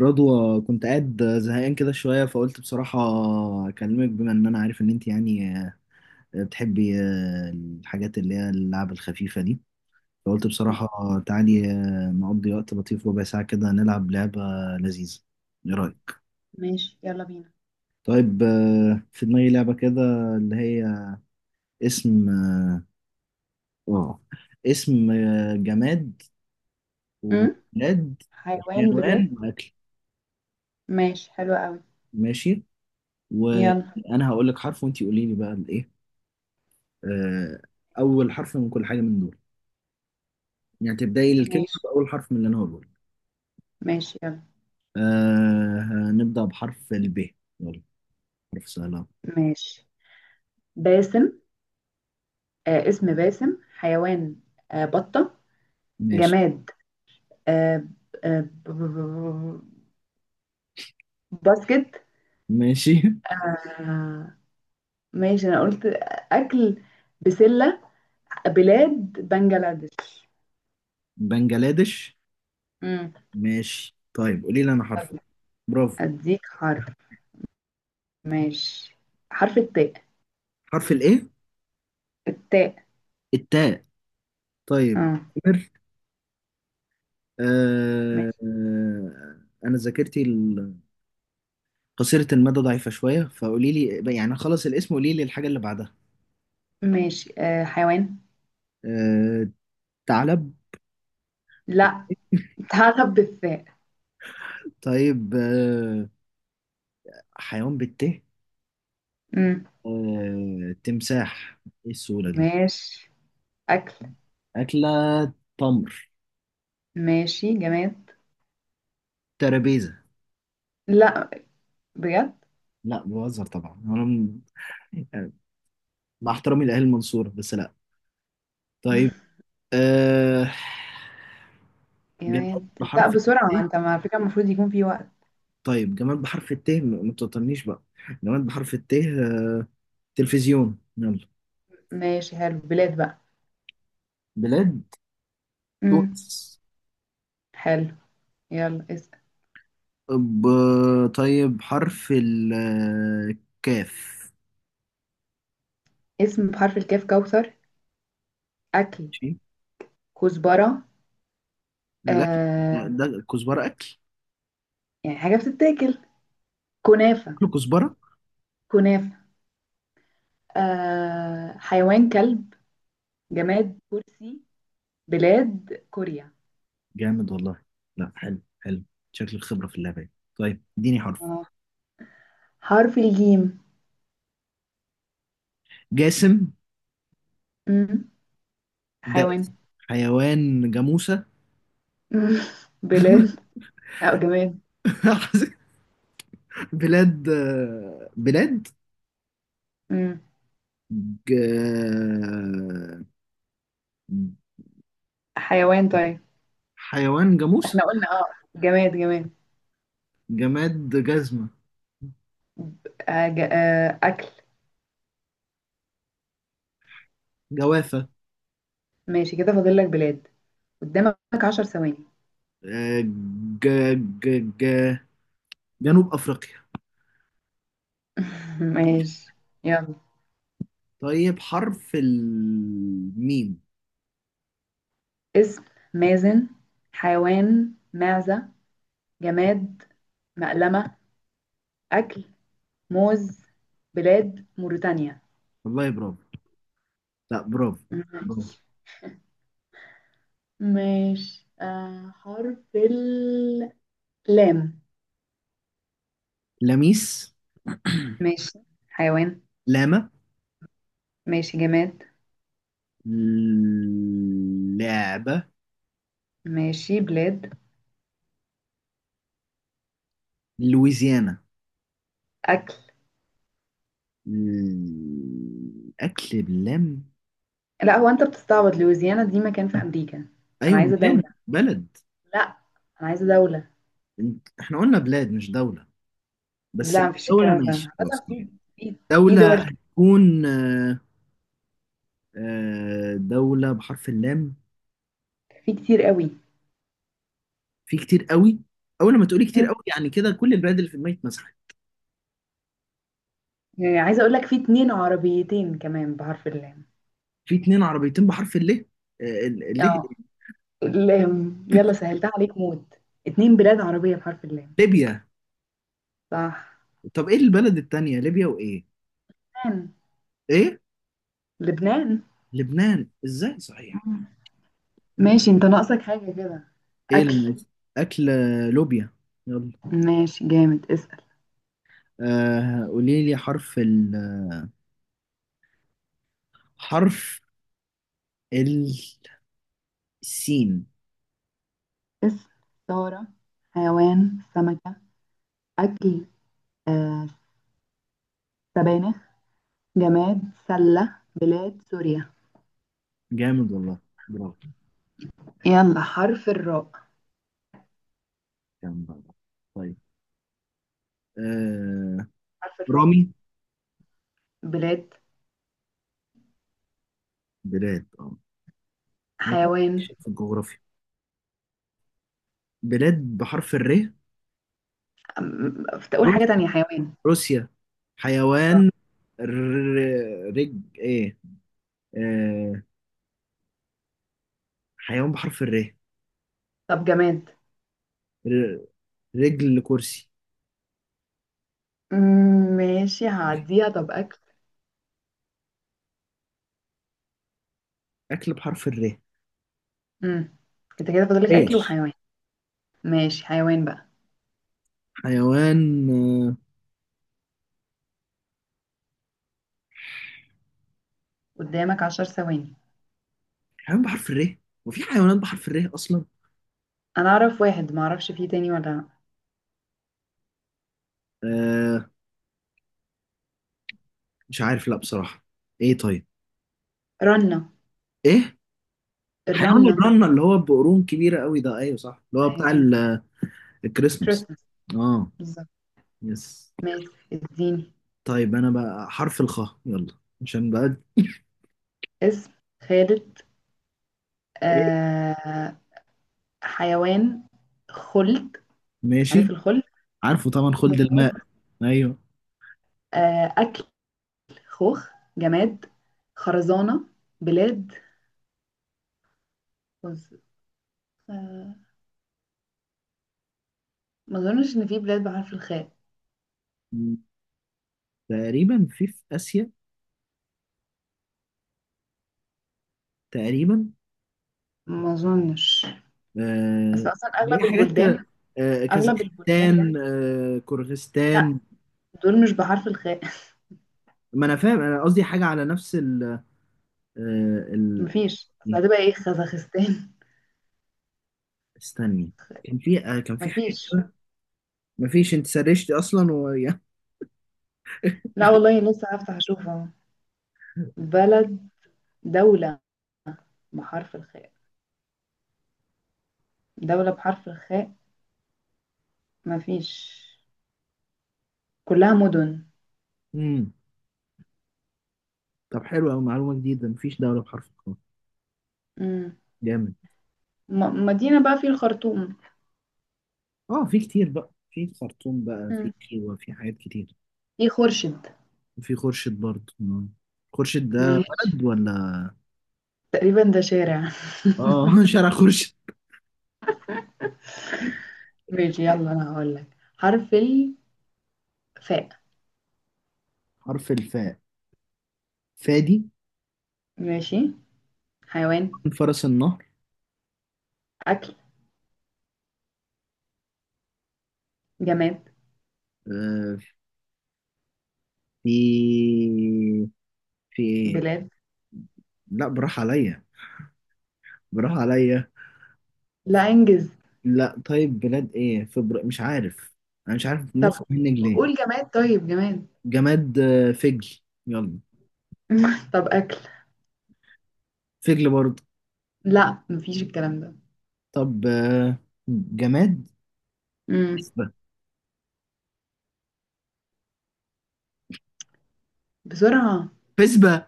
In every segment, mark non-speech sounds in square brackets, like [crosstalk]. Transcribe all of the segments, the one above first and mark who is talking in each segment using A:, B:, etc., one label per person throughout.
A: رضوى، كنت قاعد زهقان كده شوية فقلت بصراحة أكلمك، بما إن أنا عارف إن أنت يعني بتحبي الحاجات اللي هي اللعب الخفيفة دي. فقلت بصراحة تعالي نقضي وقت لطيف، ربع ساعة كده نلعب لعبة لذيذة. إيه رأيك؟
B: ماشي، يلا بينا.
A: طيب، في دماغي لعبة كده اللي هي اسم، آه اسم، جماد،
B: أم؟
A: وبلاد،
B: حيوان بلاد.
A: وحيوان، وأكل.
B: ماشي، حلو قوي.
A: ماشي،
B: يلا.
A: وأنا هقول لك حرف وأنت قولي لي بقى الإيه. آه، أول حرف من كل حاجة من دول، يعني تبدأي الكلمة
B: ماشي.
A: بأول حرف من اللي أنا هقوله لك.
B: ماشي يلا.
A: أه هنبدأ بحرف الب، يلا حرف سهل أهو.
B: ماشي. باسم. آه، اسم باسم. حيوان. آه، بطة.
A: ماشي.
B: جماد. آه. آه ب- ب- ب- باسكت.
A: ماشي.
B: آه. ماشي، أنا قلت. أكل. بسلة. بلاد. بنجلاديش.
A: [laughs] بنجلاديش.
B: أم.
A: ماشي، طيب قولي لي أنا حرف.
B: يلا،
A: برافو.
B: أديك حرف. ماشي. حرف التاء.
A: حرف الإيه؟
B: التاء.
A: التاء. طيب،
B: اه.
A: قمر. أه
B: ماشي.
A: آه، أنا ذاكرتي قصيرة المدى ضعيفة شوية، فقولي لي يعني خلص الاسم قولي لي الحاجة اللي بعدها.
B: ماشي. آه، حيوان.
A: أه ثعلب.
B: لا، هعرف بالثاء.
A: طيب، حيوان بالت،
B: امم.
A: آه، تمساح. ايه السهولة دي.
B: ماشي. أكل.
A: أكلة، تمر.
B: ماشي. جماد.
A: ترابيزة.
B: لا، بجد.
A: لا بهزر طبعا، يعني مع احترامي لأهل المنصورة، بس لا. طيب، أه... جماد
B: جماد. لا،
A: بحرف الت.
B: بسرعة، انت على فكرة المفروض يكون في وقت.
A: طيب جماد بحرف الت، ما تطنيش بقى. جماد بحرف الت، آه، تلفزيون، يلا.
B: ماشي، حلو. بلاد بقى.
A: بلاد،
B: امم.
A: تونس.
B: حلو. يلا، اسم.
A: ب... طيب حرف الكاف.
B: اسم بحرف الكاف كوثر. أكل.
A: ماشي.
B: كزبرة.
A: لا،
B: آه.
A: ده كزبرة أكل.
B: يعني حاجة بتتاكل. كنافة.
A: كل كزبرة.
B: كنافة. آه، حيوان كلب. جماد كرسي. بلاد كوريا.
A: جامد والله. لا حلو، حلو. شكل الخبرة في اللعبة. طيب اديني حرف.
B: آه. حرف الجيم.
A: جاسم.
B: مم.
A: ده اسم.
B: حيوان.
A: حيوان، جاموسة.
B: مم. [laughs] بلاد. اه، جماد.
A: [laughs] بلاد. بلاد.
B: امم.
A: ج...
B: حيوان، طيب.
A: حيوان جاموسة.
B: احنا قلنا اه. جماد جماد.
A: جماد، جزمة.
B: آه آه، اكل.
A: جوافة.
B: ماشي كده، فاضل لك بلاد. قدامك 10 ثواني.
A: آه، ج... ج... ج... جنوب أفريقيا.
B: [laughs] ماشي. يلا،
A: طيب، حرف الميم.
B: اسم مازن. حيوان معزة. جماد مقلمة. اكل موز. بلاد موريتانيا.
A: والله برافو. لا، برافو.
B: مم.
A: برافو.
B: ماشي، آه، حرف اللام.
A: لميس. [clears throat]
B: ماشي. حيوان.
A: لاما.
B: ماشي، جماد.
A: لعبة.
B: ماشي، بلاد.
A: لويزيانا.
B: اكل.
A: الأكل بلم.
B: لا، هو انت بتستعبط؟ لويزيانا دي مكان في امريكا. انا
A: أيوة،
B: عايزه دوله.
A: مكان، بلد.
B: لا، انا عايزه دوله.
A: إحنا قلنا بلاد مش دولة، بس لو
B: لا، مفيش
A: دولة
B: الكلام ده.
A: ماشي خلاص،
B: عامة في
A: طيب.
B: في في
A: دولة
B: دول كده،
A: هتكون آه، آه، دولة بحرف اللام،
B: في كتير قوي.
A: في كتير قوي. أول ما تقولي كتير
B: مم.
A: قوي يعني كده كل البلاد اللي في دماغي اتمسحت.
B: يعني عايزه اقول لك في اتنين عربيتين كمان بحرف اللام.
A: في اتنين عربيتين بحرف الليه؟ آه، الليه.
B: اه، اللام، يلا سهلتها عليك موت. اتنين بلاد عربيه بحرف اللام.
A: ليبيا.
B: صح.
A: طب إيه البلد التانية، ليبيا وإيه؟
B: لبنان.
A: إيه؟
B: لبنان.
A: لبنان إزاي؟ صحيح؟
B: مم. ماشي، انت ناقصك حاجه كده.
A: ايه
B: اكل.
A: الموز. اكل. لوبيا. يلا.
B: ماشي، جامد، اسال.
A: آه قولي لي حرف السين.
B: اسم سارة. حيوان سمكه. اكل. آه، سبانخ. جماد سلة بلاد سوريا.
A: جامد والله. برافو.
B: يلا، حرف الراء.
A: جامد والله. طيب، آه،
B: حرف الراء.
A: رامي.
B: بلاد.
A: بلاد، اه. أنا كده
B: حيوان.
A: ماشي في الجغرافيا. بلاد بحرف الر،
B: تقول حاجة
A: روسيا.
B: تانية. حيوان.
A: روسيا.
B: راء.
A: حيوان، رج ايه، آه، حيوان بحرف الر.
B: طب جماد.
A: ر- رجل كرسي.
B: مم. ماشي، هعديها. طب أكل.
A: اكل بحرف الر.
B: مم. انت كده فاضلك أكل
A: ايش؟
B: وحيوان. ماشي، حيوان بقى.
A: حيوان، آه،
B: قدامك 10 ثواني.
A: حيوان بحرف الر، وفي حيوانات بحرف الر اصلا؟
B: أنا أعرف واحد، معرفش فيه تاني ولا لأ.
A: آه، مش عارف لا بصراحه. ايه طيب؟
B: رنة.
A: ايه؟ حيوان
B: الرنة.
A: الرنه، اللي هو بقرون كبيره قوي ده، ايوه صح، اللي هو بتاع
B: أيوة.
A: الكريسماس.
B: كريسماس.
A: اه.
B: بالظبط.
A: يس.
B: ماشي، اديني.
A: طيب انا بقى حرف الخاء، يلا، عشان بقى.
B: اسم خالد.
A: ايه؟
B: آه. حيوان خلد. عارف
A: ماشي.
B: الخلد.
A: عارفه طبعا، خلد الماء.
B: جماد.
A: ايوه.
B: آه، أكل خوخ. جماد خرزانة. بلاد خز... آه، ما أظنش إن في بلاد بحرف الخاء.
A: م، تقريبا في اسيا تقريبا.
B: ما أظنش. بس
A: آه،
B: أصلا
A: اللي هي
B: أغلب
A: حاجات،
B: البلدان.
A: آه
B: أغلب البلدان.
A: كازاخستان، آه
B: لا،
A: كورغستان.
B: دول مش بحرف الخاء. [laughs]
A: ما انا فاهم، انا قصدي حاجه على نفس ال، آه ال...
B: مفيش، بس
A: إيه،
B: هتبقى إيه، خزخستان؟
A: استني،
B: [laughs]
A: كان في آه كان في حاجة.
B: مفيش.
A: مفيش، انت سرشتي اصلا و [laughs]
B: لا والله، لسه هفتح أشوف أهو. بلد. دولة بحرف الخاء. دولة بحرف الخاء. مفيش، كلها مدن.
A: امم. طب حلو قوي، معلومة جديدة، مفيش دولة بحرف القاف.
B: مم.
A: جامد.
B: مدينة بقى في الخرطوم.
A: اه في كتير بقى في خرطوم، بقى في
B: مم.
A: كيوة، في حاجات كتير.
B: في خورشيد.
A: وفي خورشيد برضه، آه. خورشيد ده
B: ماشي،
A: بلد ولا؟
B: تقريبا ده شارع. [laughs]
A: اه [laughs] شارع خورشيد.
B: ماشي، يلا، انا هقول لك حرف الفاء.
A: حرف الفاء. فادي.
B: ماشي. حيوان.
A: فرس النهر.
B: اكل. جماد.
A: آه، في في ايه؟
B: بلاد.
A: لا براح عليا، براح عليا.
B: لا، انجز.
A: لا طيب، بلاد ايه فبر، مش عارف. انا مش عارف
B: طب
A: المخ منك ليه.
B: قول جماد. طيب، جماد.
A: جماد، آه، فجل. يلا.
B: [laughs] طب اكل.
A: فجل برضه.
B: لا، مفيش الكلام ده.
A: طب آه، جماد،
B: امم.
A: فسبة.
B: بسرعة.
A: فسبة.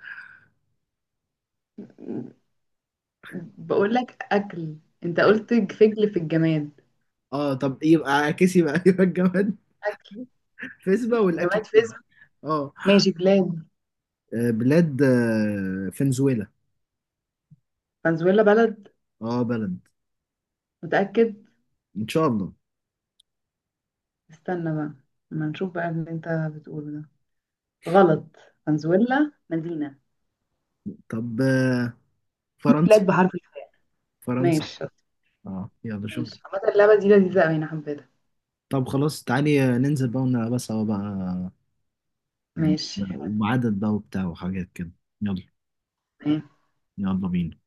B: بقول لك اكل. انت قلت فجل في الجماد.
A: اه طب يبقى عكس، يبقى [laughs] يبقى الجماد
B: اكل.
A: فسبة والاكل
B: جماد
A: فجل.
B: فيزم.
A: اه.
B: ماشي، بلاد.
A: آه، بلاد، آه، فنزويلا.
B: فنزويلا. بلد؟
A: اه بلد،
B: متأكد؟
A: ان شاء الله.
B: استنى بقى، ما نشوف بقى اللي انت بتقوله ده غلط. فنزويلا مدينة.
A: طب آه،
B: في
A: فرنسا.
B: بلاد بحرف الخاء.
A: فرنسا.
B: ماشي، بالظبط.
A: اه يلا شوف.
B: ماشي، عامة اللعبة دي لذيذة أوي، أنا حبيتها.
A: طب خلاص تعالي آه، ننزل بقى ونلعبها سوا بقى، يعني.
B: ماشي، حلو.
A: وعدد بقى وبتاع وحاجات كده. يلا. يلا بينا.